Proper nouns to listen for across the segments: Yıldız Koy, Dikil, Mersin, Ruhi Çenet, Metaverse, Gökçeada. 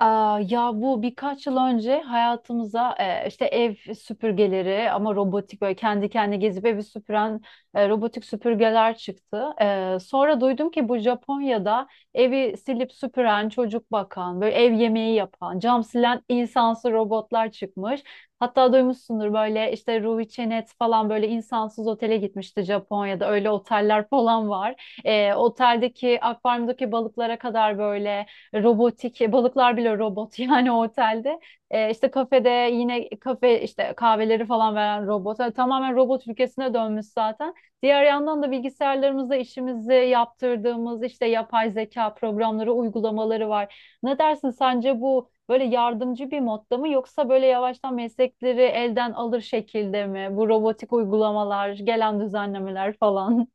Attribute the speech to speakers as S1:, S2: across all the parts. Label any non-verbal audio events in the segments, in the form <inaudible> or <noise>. S1: Ya bu birkaç yıl önce hayatımıza işte ev süpürgeleri, ama robotik, böyle kendi kendine gezip evi süpüren robotik süpürgeler çıktı. Sonra duydum ki bu Japonya'da evi silip süpüren, çocuk bakan, böyle ev yemeği yapan, cam silen insansız robotlar çıkmış. Hatta duymuşsundur, böyle işte Ruhi Çenet falan böyle insansız otele gitmişti Japonya'da. Öyle oteller falan var. Oteldeki akvaryumdaki balıklara kadar böyle robotik balıklar bile robot <laughs> yani o otelde. İşte kafede, yine kafe işte kahveleri falan veren robot. Yani tamamen robot ülkesine dönmüş zaten. Diğer yandan da bilgisayarlarımızda işimizi yaptırdığımız işte yapay zeka programları, uygulamaları var. Ne dersin, sence bu böyle yardımcı bir modda mı, yoksa böyle yavaştan meslekleri elden alır şekilde mi bu robotik uygulamalar, gelen düzenlemeler falan?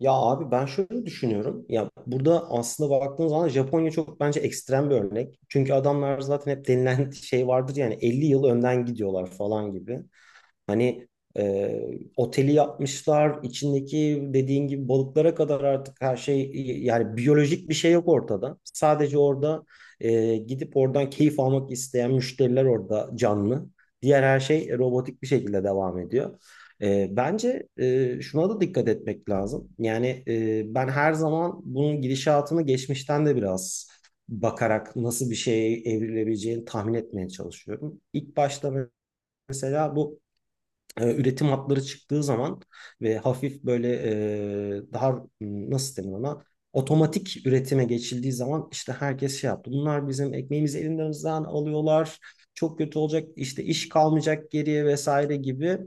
S2: Ya abi ben şöyle düşünüyorum. Ya burada aslında baktığınız zaman Japonya çok bence ekstrem bir örnek. Çünkü adamlar zaten hep denilen <laughs> şey vardır yani 50 yıl önden gidiyorlar falan gibi. Hani e, oteli yapmışlar, içindeki dediğin gibi balıklara kadar artık her şey yani biyolojik bir şey yok ortada. Sadece orada gidip oradan keyif almak isteyen müşteriler orada canlı. Diğer her şey robotik bir şekilde devam ediyor. Bence şuna da dikkat etmek lazım. Yani ben her zaman bunun gidişatını geçmişten de biraz bakarak nasıl bir şeye evrilebileceğini tahmin etmeye çalışıyorum. İlk başta mesela bu üretim hatları çıktığı zaman ve hafif böyle daha nasıl denir ona otomatik üretime geçildiği zaman işte herkes şey yaptı. Bunlar bizim ekmeğimizi elimizden alıyorlar. Çok kötü olacak işte iş kalmayacak geriye vesaire gibi.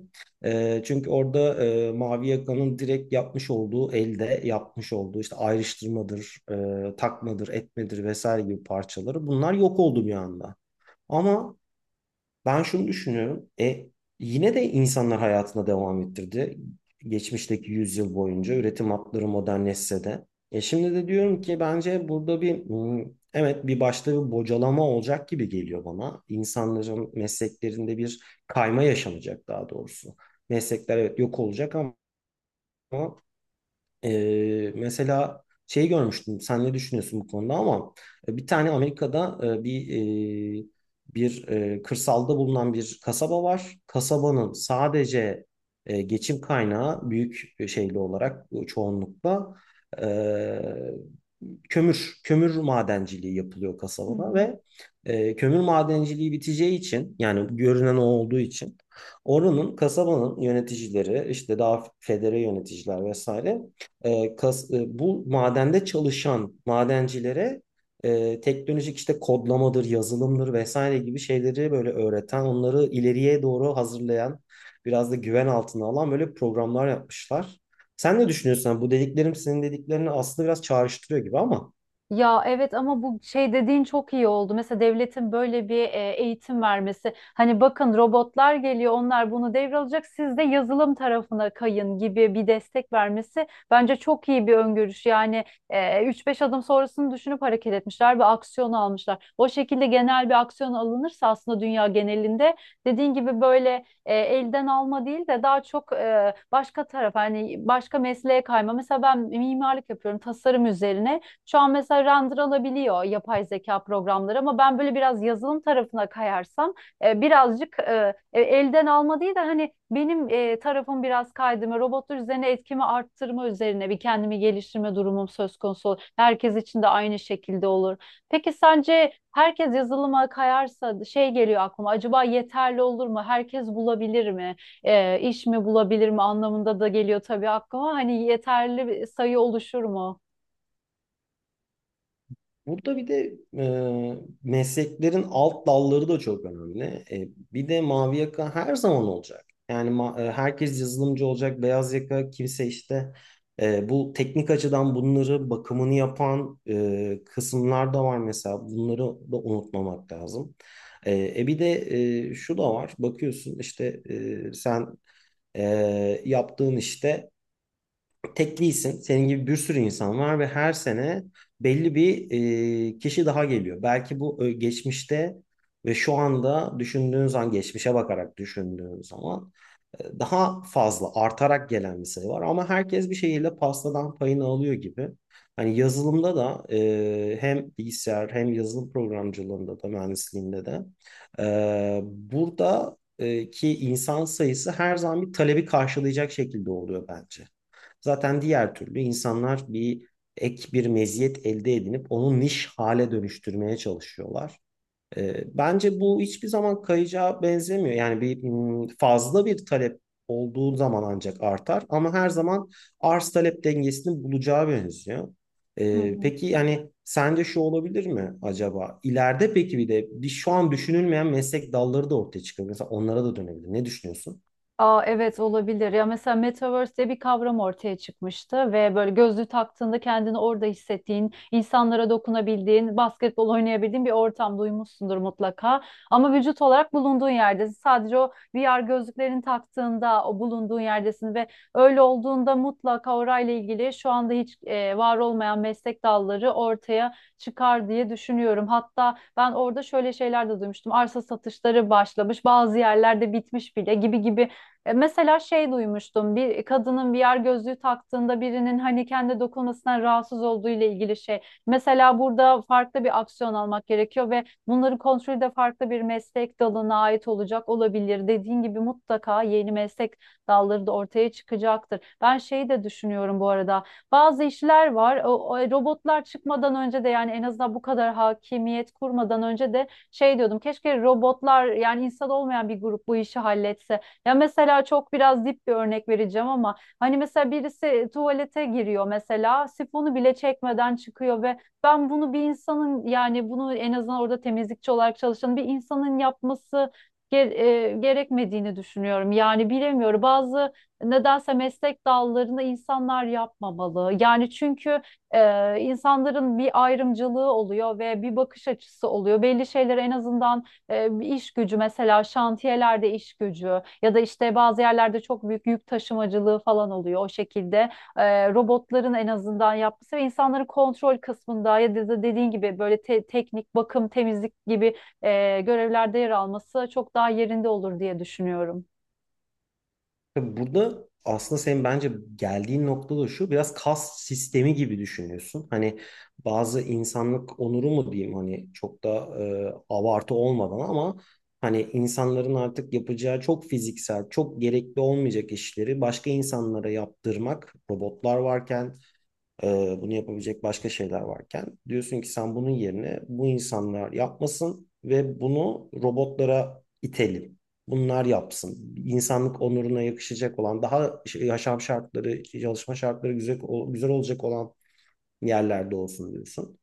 S2: Çünkü orada Mavi Yaka'nın direkt yapmış olduğu elde yapmış olduğu işte ayrıştırmadır, takmadır, etmedir vesaire gibi parçaları bunlar yok oldu bir anda. Ama ben şunu düşünüyorum. Yine de insanlar hayatına devam ettirdi. Geçmişteki yüzyıl boyunca üretim hatları modernleşse de. Şimdi de diyorum ki bence burada bir evet bir başta bir bocalama olacak gibi geliyor bana. İnsanların mesleklerinde bir kayma yaşanacak daha doğrusu. Meslekler evet yok olacak ama mesela şey görmüştüm. Sen ne düşünüyorsun bu konuda ama bir tane Amerika'da e, kırsalda bulunan bir kasaba var. Kasabanın sadece geçim kaynağı büyük şeyli olarak çoğunlukla e, kömür madenciliği yapılıyor
S1: Hı
S2: kasabada
S1: hı.
S2: ve kömür madenciliği biteceği için yani görünen o olduğu için oranın kasabanın yöneticileri işte daha federe yöneticiler vesaire bu madende çalışan madencilere teknolojik işte kodlamadır, yazılımdır vesaire gibi şeyleri böyle öğreten, onları ileriye doğru hazırlayan, biraz da güven altına alan böyle programlar yapmışlar. Sen ne düşünüyorsun? Yani bu dediklerim senin dediklerini aslında biraz çağrıştırıyor gibi ama.
S1: Ya evet, ama bu şey dediğin çok iyi oldu. Mesela devletin böyle bir eğitim vermesi. Hani bakın, robotlar geliyor, onlar bunu devralacak. Siz de yazılım tarafına kayın gibi bir destek vermesi bence çok iyi bir öngörüş. Yani 3-5 adım sonrasını düşünüp hareket etmişler ve aksiyon almışlar. O şekilde genel bir aksiyon alınırsa aslında dünya genelinde dediğin gibi böyle elden alma değil de daha çok başka taraf, hani başka mesleğe kayma. Mesela ben mimarlık yapıyorum, tasarım üzerine. Şu an mesela render alabiliyor yapay zeka programları, ama ben böyle biraz yazılım tarafına kayarsam elden alma değil de hani benim tarafım biraz kaydırma, robotlar üzerine etkimi arttırma üzerine bir kendimi geliştirme durumum söz konusu olur. Herkes için de aynı şekilde olur. Peki sence herkes yazılıma kayarsa, şey geliyor aklıma, acaba yeterli olur mu? Herkes bulabilir mi? İş mi bulabilir mi anlamında da geliyor tabii aklıma. Hani yeterli bir sayı oluşur mu?
S2: Burada bir de mesleklerin alt dalları da çok önemli. Bir de mavi yaka her zaman olacak. Yani herkes yazılımcı olacak, beyaz yaka kimse işte bu teknik açıdan bunları bakımını yapan kısımlar da var mesela. Bunları da unutmamak lazım. Bir de şu da var. Bakıyorsun işte sen yaptığın işte. Tek değilsin. Senin gibi bir sürü insan var ve her sene belli bir kişi daha geliyor. Belki bu geçmişte ve şu anda düşündüğün zaman, geçmişe bakarak düşündüğün zaman daha fazla artarak gelen bir sayı var. Ama herkes bir şekilde pastadan payını alıyor gibi. Hani yazılımda da hem bilgisayar hem yazılım programcılığında da mühendisliğinde de burada ki insan sayısı her zaman bir talebi karşılayacak şekilde oluyor bence. Zaten diğer türlü insanlar bir ek bir meziyet elde edinip onu niş hale dönüştürmeye çalışıyorlar. Bence bu hiçbir zaman kayacağa benzemiyor. Yani bir fazla bir talep olduğu zaman ancak artar ama her zaman arz talep dengesini bulacağı benziyor.
S1: Hı hı.
S2: Peki yani sence şu olabilir mi acaba? İleride peki bir de bir şu an düşünülmeyen meslek dalları da ortaya çıkabilir. Mesela onlara da dönebilir. Ne düşünüyorsun?
S1: Evet, olabilir. Ya mesela Metaverse diye bir kavram ortaya çıkmıştı ve böyle gözlüğü taktığında kendini orada hissettiğin, insanlara dokunabildiğin, basketbol oynayabildiğin bir ortam, duymuşsundur mutlaka. Ama vücut olarak bulunduğun yerdesin. Sadece o VR gözlüklerini taktığında o bulunduğun yerdesin ve öyle olduğunda mutlaka orayla ilgili şu anda hiç var olmayan meslek dalları ortaya çıkar diye düşünüyorum. Hatta ben orada şöyle şeyler de duymuştum. Arsa satışları başlamış, bazı yerlerde bitmiş bile gibi gibi. Mesela şey duymuştum, bir kadının VR gözlüğü taktığında birinin hani kendi dokunmasından rahatsız olduğu ile ilgili şey. Mesela burada farklı bir aksiyon almak gerekiyor ve bunların kontrolü de farklı bir meslek dalına ait olacak olabilir. Dediğin gibi mutlaka yeni meslek dalları da ortaya çıkacaktır. Ben şeyi de düşünüyorum bu arada. Bazı işler var. Robotlar çıkmadan önce de, yani en azından bu kadar hakimiyet kurmadan önce de şey diyordum. Keşke robotlar, yani insan olmayan bir grup bu işi halletse. Ya mesela çok biraz dip bir örnek vereceğim ama, hani mesela birisi tuvalete giriyor, mesela sifonu bile çekmeden çıkıyor ve ben bunu bir insanın, yani bunu en azından orada temizlikçi olarak çalışan bir insanın yapması ge- gerekmediğini düşünüyorum. Yani bilemiyorum, bazı nedense meslek dallarını insanlar yapmamalı. Yani çünkü insanların bir ayrımcılığı oluyor ve bir bakış açısı oluyor. Belli şeyleri en azından iş gücü, mesela şantiyelerde iş gücü ya da işte bazı yerlerde çok büyük yük taşımacılığı falan oluyor o şekilde. Robotların en azından yapması ve insanları kontrol kısmında ya da dediğin gibi böyle teknik, bakım, temizlik gibi görevlerde yer alması çok daha yerinde olur diye düşünüyorum.
S2: Tabii, burada aslında senin bence geldiğin nokta da şu, biraz kas sistemi gibi düşünüyorsun. Hani bazı insanlık onuru mu diyeyim hani çok da abartı olmadan ama hani insanların artık yapacağı çok fiziksel, çok gerekli olmayacak işleri başka insanlara yaptırmak robotlar varken bunu yapabilecek başka şeyler varken diyorsun ki sen bunun yerine bu insanlar yapmasın ve bunu robotlara itelim. Bunlar yapsın. İnsanlık onuruna yakışacak olan, daha yaşam şartları, çalışma şartları güzel, güzel olacak olan yerlerde olsun diyorsun.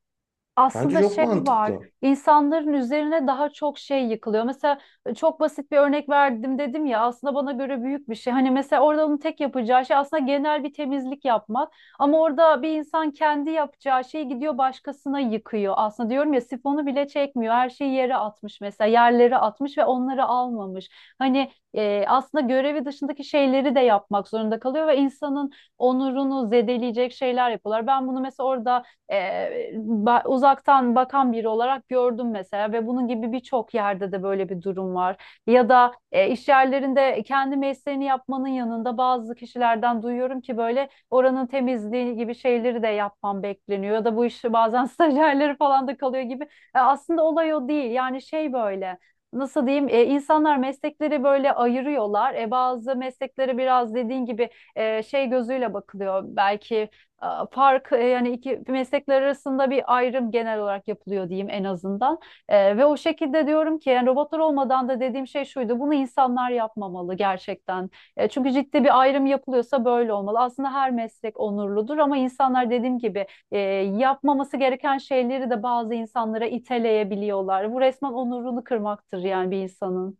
S2: Bence
S1: Aslında
S2: çok
S1: şey var,
S2: mantıklı.
S1: insanların üzerine daha çok şey yıkılıyor. Mesela çok basit bir örnek verdim dedim ya, aslında bana göre büyük bir şey. Hani mesela orada onun tek yapacağı şey aslında genel bir temizlik yapmak. Ama orada bir insan kendi yapacağı şeyi gidiyor başkasına yıkıyor. Aslında diyorum ya, sifonu bile çekmiyor, her şeyi yere atmış mesela, yerlere atmış ve onları almamış. Hani aslında görevi dışındaki şeyleri de yapmak zorunda kalıyor ve insanın onurunu zedeleyecek şeyler yapıyorlar. Ben bunu mesela orada uzaktan bakan biri olarak gördüm mesela, ve bunun gibi birçok yerde de böyle bir durum var. Ya da iş yerlerinde kendi mesleğini yapmanın yanında, bazı kişilerden duyuyorum ki böyle oranın temizliği gibi şeyleri de yapmam bekleniyor, ya da bu işi bazen <laughs> stajyerleri falan da kalıyor gibi. Aslında olay o değil. Yani şey, böyle nasıl diyeyim? İnsanlar meslekleri böyle ayırıyorlar. Bazı mesleklere biraz dediğin gibi şey gözüyle bakılıyor. Belki yani iki meslekler arasında bir ayrım genel olarak yapılıyor diyeyim en azından. Ve o şekilde diyorum ki, yani robotlar olmadan da dediğim şey şuydu: bunu insanlar yapmamalı gerçekten. Çünkü ciddi bir ayrım yapılıyorsa böyle olmalı. Aslında her meslek onurludur, ama insanlar dediğim gibi yapmaması gereken şeyleri de bazı insanlara iteleyebiliyorlar. Bu resmen onurunu kırmaktır yani bir insanın.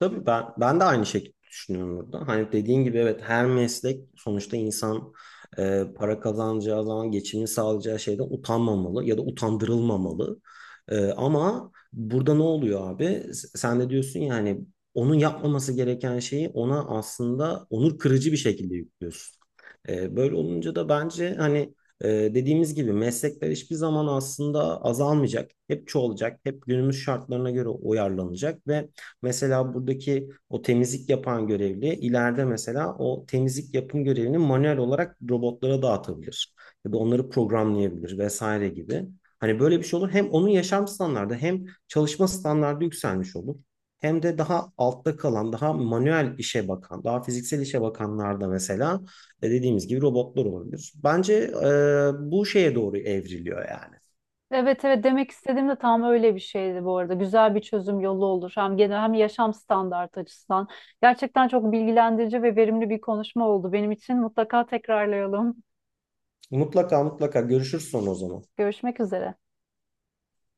S2: Tabii ben de aynı şekilde düşünüyorum burada. Hani dediğin gibi evet her meslek sonuçta insan para kazanacağı zaman geçimini sağlayacağı şeyden utanmamalı ya da utandırılmamalı. Ama burada ne oluyor abi? Sen de diyorsun ya hani onun yapmaması gereken şeyi ona aslında onur kırıcı bir şekilde yüklüyorsun. Böyle olunca da bence hani dediğimiz gibi meslekler hiçbir zaman aslında azalmayacak. Hep çoğalacak. Hep günümüz şartlarına göre uyarlanacak. Ve mesela buradaki o temizlik yapan görevli ileride mesela o temizlik yapım görevini manuel olarak robotlara dağıtabilir. Ya da onları programlayabilir vesaire gibi. Hani böyle bir şey olur. Hem onun yaşam standardı hem çalışma standardı yükselmiş olur. Hem de daha altta kalan, daha manuel işe bakan, daha fiziksel işe bakanlarda mesela dediğimiz gibi robotlar olabilir. Bence bu şeye doğru evriliyor yani.
S1: Evet, evet, demek istediğim de tam öyle bir şeydi bu arada. Güzel bir çözüm yolu olur. Hem genel hem yaşam standartı açısından. Gerçekten çok bilgilendirici ve verimli bir konuşma oldu benim için. Mutlaka tekrarlayalım.
S2: Mutlaka mutlaka görüşürüz sonra o zaman.
S1: Görüşmek üzere.